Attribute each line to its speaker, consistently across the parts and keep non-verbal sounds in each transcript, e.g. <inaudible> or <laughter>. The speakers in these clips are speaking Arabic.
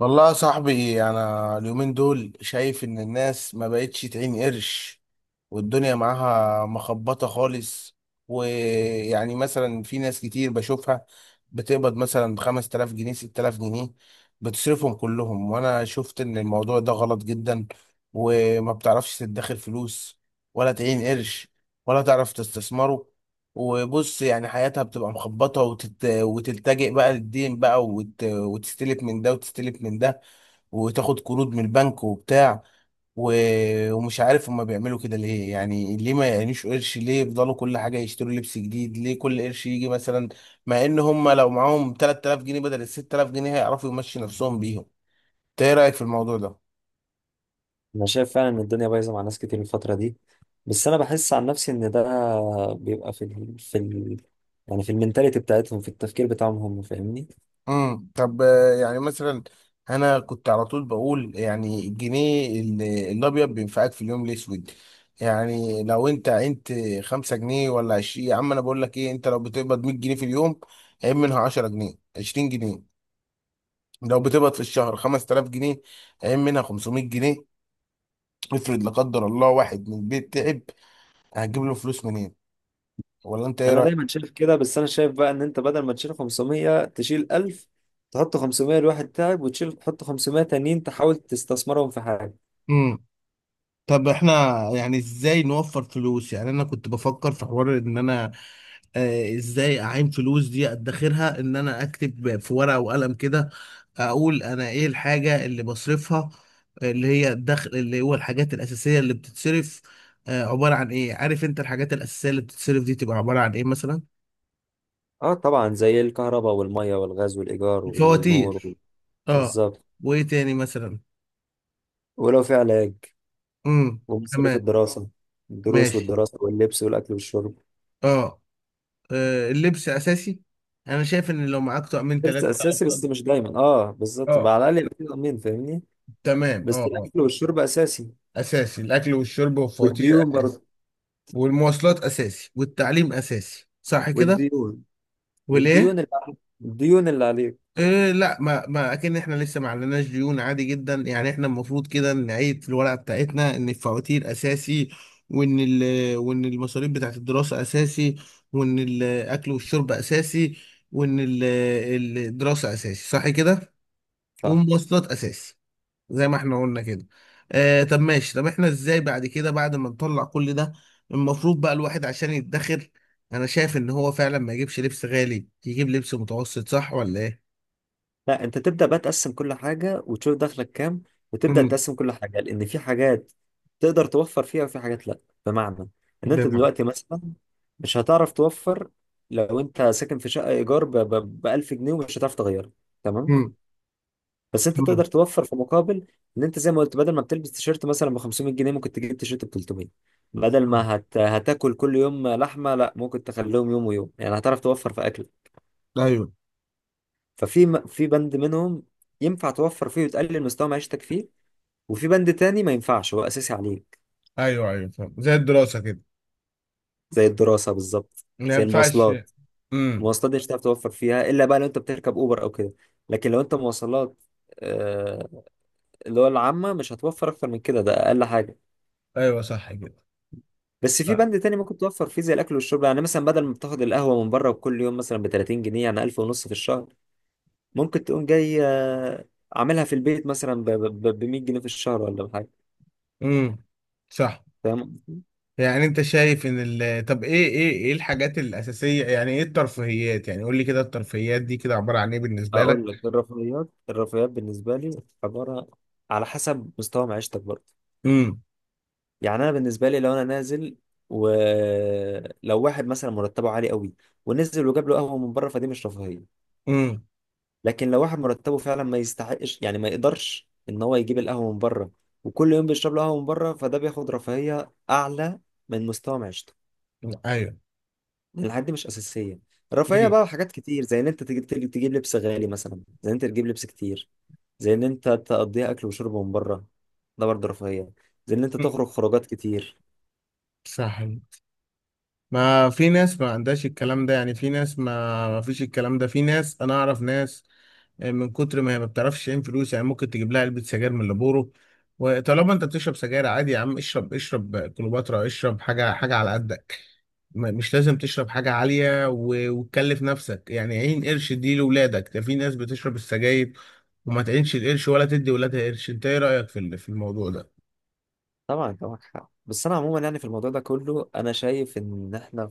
Speaker 1: والله يا صاحبي، انا اليومين دول شايف ان الناس ما بقتش تعين قرش، والدنيا معاها مخبطة خالص. ويعني مثلا في ناس كتير بشوفها بتقبض مثلا 5000 جنيه، 6000 جنيه، بتصرفهم كلهم. وانا شفت ان الموضوع ده غلط جدا، وما بتعرفش تدخر فلوس ولا تعين قرش ولا تعرف تستثمره. وبص، يعني حياتها بتبقى مخبطة، وتلتجئ بقى للدين بقى، وتستلف من ده وتستلف من ده، وتاخد قروض من البنك وبتاع و... ومش عارف هما بيعملوا كده ليه، يعني ليه ما يعينوش قرش، ليه يفضلوا كل حاجة يشتروا لبس جديد، ليه كل قرش يجي مثلا مع ان هما لو معاهم 3000 جنيه بدل ال 6000 جنيه هيعرفوا يمشي نفسهم بيهم. إنت ايه رأيك في الموضوع ده؟
Speaker 2: انا شايف فعلا ان الدنيا بايظه مع ناس كتير الفتره دي. بس انا بحس عن نفسي ان ده بيبقى يعني في المينتاليتي بتاعتهم، في التفكير بتاعهم، هم فاهمني.
Speaker 1: طب يعني مثلا انا كنت على طول بقول يعني الجنيه الابيض بينفعك في اليوم الاسود. يعني لو انت عينت 5 جنيه ولا 20، يا عم انا بقول لك ايه، انت لو بتقبض 100 جنيه في اليوم عين منها 10 جنيه، 20 جنيه. لو بتقبض في الشهر 5000 جنيه عين منها 500 جنيه. افرض لا قدر الله واحد من البيت تعب، هتجيب له فلوس منين؟ ولا انت ايه
Speaker 2: انا
Speaker 1: رايك؟
Speaker 2: دايما شايف كده، بس انا شايف بقى ان انت بدل ما تشيل 500 تشيل 1000، تحط 500 لواحد تعب، وتشيل تحط 500 تانيين تحاول تستثمرهم في حاجه.
Speaker 1: طب احنا، يعني ازاي نوفر فلوس؟ يعني انا كنت بفكر في حوار ان انا ازاي اعين فلوس دي ادخرها، ان انا اكتب في ورقة وقلم كده، اقول انا ايه الحاجة اللي بصرفها، اللي هي الدخل، اللي هو الحاجات الاساسية اللي بتتصرف عبارة عن ايه. عارف انت الحاجات الاساسية اللي بتتصرف دي تبقى عبارة عن ايه مثلا؟
Speaker 2: اه طبعا، زي الكهرباء والميه والغاز والايجار والنور
Speaker 1: فواتير. اه.
Speaker 2: بالظبط.
Speaker 1: وايه تاني مثلا؟
Speaker 2: ولو في علاج
Speaker 1: امم.
Speaker 2: ومصاريف
Speaker 1: تمام.
Speaker 2: الدراسه، الدروس
Speaker 1: ماشي.
Speaker 2: والدراسه واللبس والاكل والشرب.
Speaker 1: اه. اللبس اساسي. انا شايف ان لو معاك طقمين
Speaker 2: لبس
Speaker 1: ثلاثه تعرف
Speaker 2: اساسي
Speaker 1: تقضي.
Speaker 2: بس مش دايما، اه بالظبط
Speaker 1: اه،
Speaker 2: بقى، على الاقل يبقى في ضمان فاهمني.
Speaker 1: تمام، اه،
Speaker 2: بس
Speaker 1: اه.
Speaker 2: الاكل والشرب اساسي.
Speaker 1: اساسي الاكل والشرب والفواتير
Speaker 2: والديون
Speaker 1: اساسي،
Speaker 2: برضه.
Speaker 1: والمواصلات اساسي والتعليم اساسي صح كده؟
Speaker 2: والديون.
Speaker 1: وليه؟
Speaker 2: والديون اللي عليك الديون اللي عليك
Speaker 1: إيه لا، ما اكن احنا لسه ما عليناش ديون، عادي جدا. يعني احنا المفروض كده نعيد في الورقه بتاعتنا ان الفواتير اساسي، وان المصاريف بتاعت الدراسه اساسي، وان الاكل والشرب اساسي، وان ال- الدراسه اساسي صح كده؟
Speaker 2: صح.
Speaker 1: والمواصلات اساسي زي ما احنا قلنا كده. طب ماشي. طب احنا ازاي بعد كده، بعد ما نطلع كل ده المفروض بقى الواحد عشان يدخر؟ انا شايف ان هو فعلا ما يجيبش لبس غالي، يجيب لبس متوسط، صح ولا ايه؟
Speaker 2: لا، انت تبدا بقى تقسم كل حاجه وتشوف دخلك كام، وتبدا
Speaker 1: امم.
Speaker 2: تقسم كل حاجه لان في حاجات تقدر توفر فيها وفي حاجات لا. بمعنى ان انت
Speaker 1: بمعنى؟
Speaker 2: دلوقتي مثلا مش هتعرف توفر. لو انت ساكن في شقه ايجار ب 1000 جنيه ومش هتعرف تغيرها، تمام.
Speaker 1: امم.
Speaker 2: بس انت
Speaker 1: أمم.
Speaker 2: تقدر توفر في مقابل. ان انت زي ما قلت، بدل ما بتلبس تيشيرت مثلا ب 500 جنيه ممكن تجيب تيشيرت ب 300. بدل
Speaker 1: آه.
Speaker 2: ما هتاكل كل يوم لحمه، لا، ممكن تخليهم يوم ويوم، يعني هتعرف توفر في اكل.
Speaker 1: ايوه،
Speaker 2: في بند منهم ينفع توفر فيه وتقلل مستوى معيشتك فيه، وفي بند تاني ما ينفعش، هو اساسي عليك.
Speaker 1: ايوه، ايوه فاهم، زي الدراسة كده.
Speaker 2: زي الدراسه بالظبط،
Speaker 1: ما
Speaker 2: زي
Speaker 1: ينفعش.
Speaker 2: المواصلات.
Speaker 1: امم.
Speaker 2: المواصلات دي مش هتعرف توفر فيها الا بقى لو انت بتركب اوبر او كده. لكن لو انت مواصلات، آه، اللي هو العامه، مش هتوفر اكتر من كده، ده اقل حاجه.
Speaker 1: ايوه صح كده.
Speaker 2: بس في
Speaker 1: صح.
Speaker 2: بند تاني ممكن توفر فيه زي الاكل والشرب. يعني مثلا بدل ما بتاخد القهوه من بره كل يوم مثلا ب 30 جنيه، يعني 1000 ونص في الشهر، ممكن تقوم جاي عاملها في البيت مثلا ب 100 جنيه في الشهر ولا بحاجه.
Speaker 1: امم. صح.
Speaker 2: فاهم قصدي؟
Speaker 1: يعني انت شايف ان طب ايه الحاجات الاساسية، يعني ايه الترفيهيات؟ يعني قول لي كده، الترفيهيات دي كده عبارة عن ايه بالنسبة
Speaker 2: اقول لك، الرفاهيات. الرفاهيات بالنسبه لي، عباره، على حسب مستوى معيشتك برضه.
Speaker 1: لك؟
Speaker 2: يعني انا بالنسبه لي لو انا نازل، ولو واحد مثلا مرتبه عالي قوي ونزل وجاب له قهوه من بره، فدي مش رفاهيه.
Speaker 1: امم.
Speaker 2: لكن لو واحد مرتبه فعلا ما يستحقش، يعني ما يقدرش ان هو يجيب القهوه من بره، وكل يوم بيشرب له قهوه من بره، فده بياخد رفاهيه اعلى من مستوى معيشته.
Speaker 1: ايوه.
Speaker 2: لان الحاجات دي مش اساسيه. الرفاهيه
Speaker 1: امم.
Speaker 2: بقى حاجات كتير، زي ان انت تجيب لبس غالي مثلا، زي ان انت تجيب لبس كتير، زي ان انت تقضيها اكل وشرب من بره، ده برضه رفاهيه. زي ان انت تخرج خروجات كتير.
Speaker 1: صح. ما في ناس ما عندهاش الكلام ده، يعني في ناس ما فيش الكلام ده، في ناس انا اعرف ناس من كتر ما هي ما بتعرفش تعين فلوس يعني ممكن تجيب لها علبة سجاير من اللي. وطالما انت بتشرب سجاير عادي، يا عم اشرب، اشرب كليوباترا، اشرب حاجة حاجة على قدك. مش لازم تشرب حاجة عالية وتكلف نفسك، يعني عين قرش دي لولادك. ده في ناس بتشرب السجاير وما تعينش القرش ولا تدي ولادها قرش. انت ايه رأيك في الموضوع ده؟
Speaker 2: طبعا انت معاك حق، بس انا عموما يعني في الموضوع ده كله، انا شايف ان احنا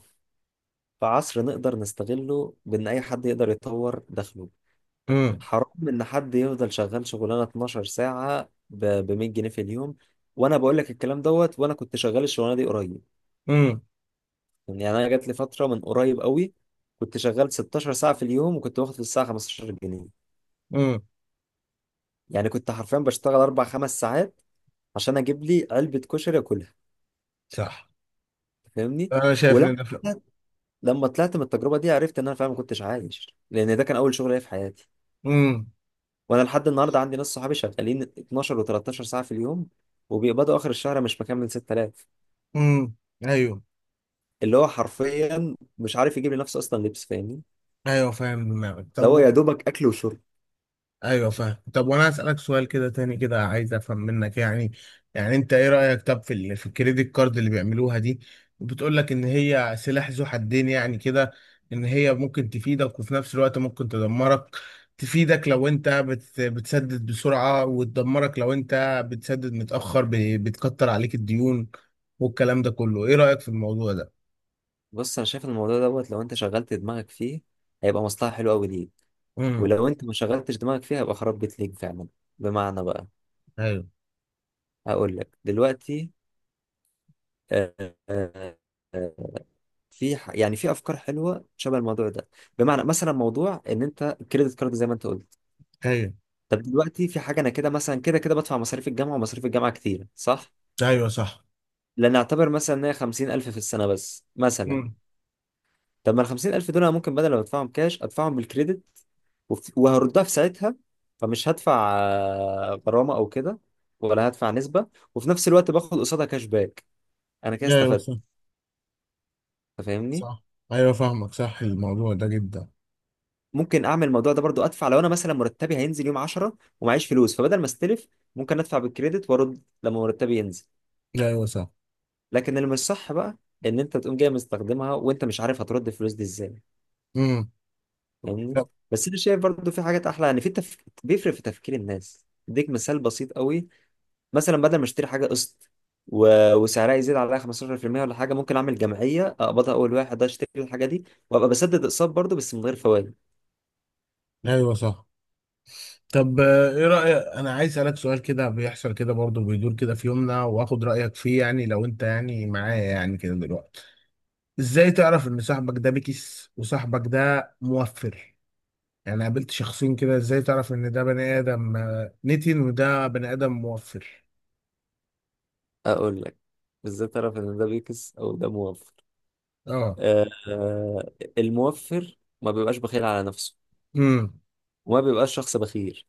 Speaker 2: في عصر نقدر نستغله بان اي حد يقدر يطور دخله.
Speaker 1: امم.
Speaker 2: حرام ان حد يفضل شغال شغلانه 12 ساعه ب 100 جنيه في اليوم. وانا بقول لك الكلام دوت وانا كنت شغال الشغلانه دي قريب، يعني انا جات لي فتره من قريب قوي كنت شغال 16 ساعه في اليوم وكنت باخد في الساعه 15 جنيه.
Speaker 1: امم.
Speaker 2: يعني كنت حرفيا بشتغل اربع خمس ساعات عشان اجيب لي علبه كشري اكلها.
Speaker 1: صح.
Speaker 2: فاهمني؟
Speaker 1: انا شايف ان
Speaker 2: ولما
Speaker 1: ده فيلم.
Speaker 2: طلعت- لما طلعت من التجربه دي عرفت ان انا فعلا ما كنتش عايش، لان ده كان اول شغل ليا في حياتي.
Speaker 1: امم.
Speaker 2: وانا لحد النهارده عندي ناس صحابي شغالين 12 و13 ساعه في اليوم وبيقبضوا اخر الشهر مش مكمل 6000.
Speaker 1: امم. ايوه،
Speaker 2: اللي هو حرفيا مش عارف يجيب لنفسه اصلا لبس، فاهمني؟
Speaker 1: ايوه فاهم دماغك.
Speaker 2: ده
Speaker 1: طب
Speaker 2: هو يا دوبك اكل وشرب.
Speaker 1: ايوه فاهم. طب وانا اسالك سؤال كده تاني كده، عايز افهم منك، يعني انت ايه رايك طب في الكريدت كارد اللي بيعملوها دي؟ بتقول لك ان هي سلاح ذو حدين يعني كده، ان هي ممكن تفيدك، وفي نفس الوقت ممكن تدمرك. تفيدك لو انت بتسدد بسرعه، وتدمرك لو انت بتسدد متاخر بتكتر عليك الديون والكلام ده كله. ايه رايك في الموضوع ده؟
Speaker 2: بص انا شايف إن الموضوع دوت لو انت شغلت دماغك فيه هيبقى مصلحه حلوه قوي ليك.
Speaker 1: امم.
Speaker 2: ولو انت ما شغلتش دماغك فيه هيبقى خراب بيت ليك فعلا. بمعنى بقى، هقول لك دلوقتي. آه، آه، آه، يعني في افكار حلوه شبه الموضوع ده. بمعنى مثلا موضوع ان انت الكريدت كارد زي ما انت قلت.
Speaker 1: ايوه،
Speaker 2: طب دلوقتي في حاجه، انا كده مثلا كده كده بدفع مصاريف الجامعه، ومصاريف الجامعه كتير صح.
Speaker 1: ايوه صح.
Speaker 2: لنعتبر مثلا ان هي 50000 في السنه بس مثلا.
Speaker 1: امم.
Speaker 2: طب ما ال 50000 دول انا ممكن بدل ما ادفعهم كاش ادفعهم بالكريدت، وهردها في ساعتها. فمش هدفع غرامه او كده، ولا هدفع نسبه، وفي نفس الوقت باخد قصادها كاش باك. انا كده
Speaker 1: ايوه
Speaker 2: استفدت،
Speaker 1: صح.
Speaker 2: أنت فاهمني.
Speaker 1: صح. ايوه فاهمك. صح، الموضوع ده جدا.
Speaker 2: ممكن اعمل الموضوع ده برضو، ادفع لو انا مثلا مرتبي هينزل يوم 10 ومعيش فلوس، فبدل ما استلف، ممكن ادفع بالكريدت وارد لما مرتبي ينزل.
Speaker 1: ايوه صح.
Speaker 2: لكن اللي مش صح بقى ان انت تقوم جاي مستخدمها وانت مش عارف هترد الفلوس دي ازاي،
Speaker 1: امم.
Speaker 2: فاهمني؟
Speaker 1: طب.
Speaker 2: بس انا شايف برضو في حاجات احلى. يعني بيفرق في تفكير الناس. اديك مثال بسيط قوي، مثلا بدل ما اشتري حاجه قسط وسعرها يزيد عليها 15% ولا حاجه، ممكن اعمل جمعيه اقبضها اول واحد ده، اشتري الحاجه دي وابقى بسدد اقساط برضه بس من غير فوائد.
Speaker 1: ايوه صح. طب ايه رأيك، انا عايز اسالك سؤال كده بيحصل كده برضه، بيدور كده في يومنا، واخد رأيك فيه. يعني لو انت يعني معايا يعني كده دلوقتي، ازاي تعرف ان صاحبك ده بكس وصاحبك ده موفر؟ يعني قابلت شخصين كده، ازاي تعرف ان ده بني ادم نتن وده بني ادم موفر؟
Speaker 2: اقول لك، ازاي تعرف ان ده بيكس او ده موفر.
Speaker 1: اه.
Speaker 2: آه آه، الموفر ما بيبقاش بخيل على نفسه،
Speaker 1: امم.
Speaker 2: وما بيبقاش شخص بخيل.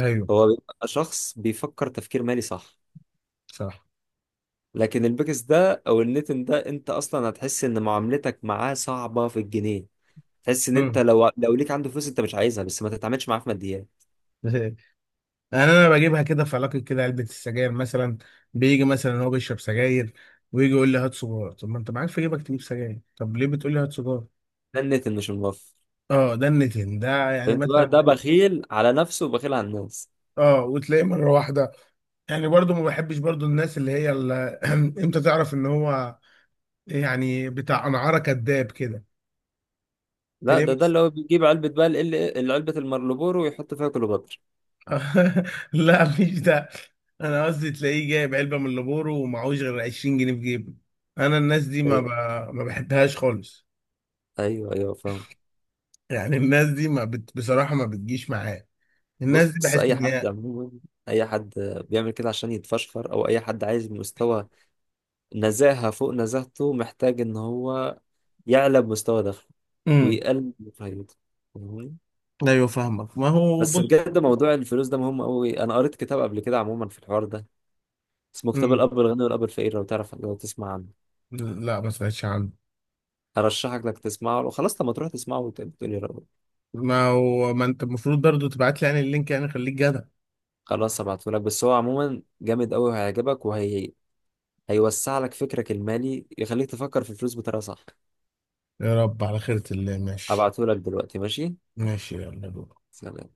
Speaker 1: ايوه
Speaker 2: هو بيبقى شخص بيفكر تفكير مالي صح.
Speaker 1: صح.
Speaker 2: لكن البيكس ده او النتن ده، انت اصلا هتحس ان معاملتك معاه صعبة في الجنيه. تحس ان انت
Speaker 1: امم.
Speaker 2: لو ليك عنده فلوس انت مش عايزها، بس ما تتعاملش معاه في ماديات.
Speaker 1: <laughs> يعني انا بجيبها كده في علاقه كده، علبه السجاير مثلا، بيجي مثلا هو بيشرب سجاير، ويجي يقول لي هات سجاره. طب ما انت معاك في جيبك تجيب سجاير، طب ليه بتقول لي هات سجاره؟
Speaker 2: ده النت اللي مش موفر.
Speaker 1: اه، ده النتن ده يعني
Speaker 2: فهمت بقى؟
Speaker 1: مثلا.
Speaker 2: ده بخيل على نفسه وبخيل على الناس.
Speaker 1: اه، وتلاقيه مره واحده، يعني برضو ما بحبش برضو الناس اللي هي <clears throat> امتى تعرف ان هو يعني بتاع انعاره كذاب كده؟
Speaker 2: لا،
Speaker 1: تلاقيه
Speaker 2: ده
Speaker 1: مثلا.
Speaker 2: اللي هو بيجيب علبة بقى علبة المارلبورو ويحط فيها كليوباترا.
Speaker 1: <laughs> لا مش ده. انا قصدي تلاقيه جايب علبه من لابورو ومعهوش غير 20 جنيه في جيبه. انا الناس دي
Speaker 2: ايوه،
Speaker 1: ما بحبهاش خالص.
Speaker 2: ايوه، أيوة، فاهم.
Speaker 1: يعني الناس دي ما بت... بصراحة ما بتجيش معايا، الناس دي
Speaker 2: بص،
Speaker 1: بحس
Speaker 2: اي
Speaker 1: ان
Speaker 2: حد
Speaker 1: هي.
Speaker 2: عموما، اي حد بيعمل كده عشان يتفشخر، او اي حد عايز مستوى نزاهة فوق نزاهته، محتاج ان هو يعلى بمستوى دخله
Speaker 1: امم.
Speaker 2: ويقلل من رفاهيته. فاهمني؟
Speaker 1: ايوه فاهمك. ما هو
Speaker 2: بس
Speaker 1: بص.
Speaker 2: بجد موضوع الفلوس ده مهم قوي. انا قريت كتاب قبل كده عموما في الحوار ده، اسمه كتاب
Speaker 1: امم.
Speaker 2: الاب الغني والاب الفقير، لو تعرف، لو تسمع عنه.
Speaker 1: لا، ما سمعتش عنه.
Speaker 2: ارشحك انك تسمعه. لو خلاص لما تروح تسمعه وتقولي رايك.
Speaker 1: ما هو ما انت المفروض برضو تبعت لي يعني اللينك، يعني خليك جدع.
Speaker 2: خلاص هبعتهولك. بس هو عموما جامد قوي وهيعجبك، هيوسع لك فكرك المالي، يخليك تفكر في الفلوس بطريقه صح.
Speaker 1: يا رب على خيرة الله، ماشي.
Speaker 2: هبعتهولك دلوقتي. ماشي.
Speaker 1: ماشي، يلا دول.
Speaker 2: سلام.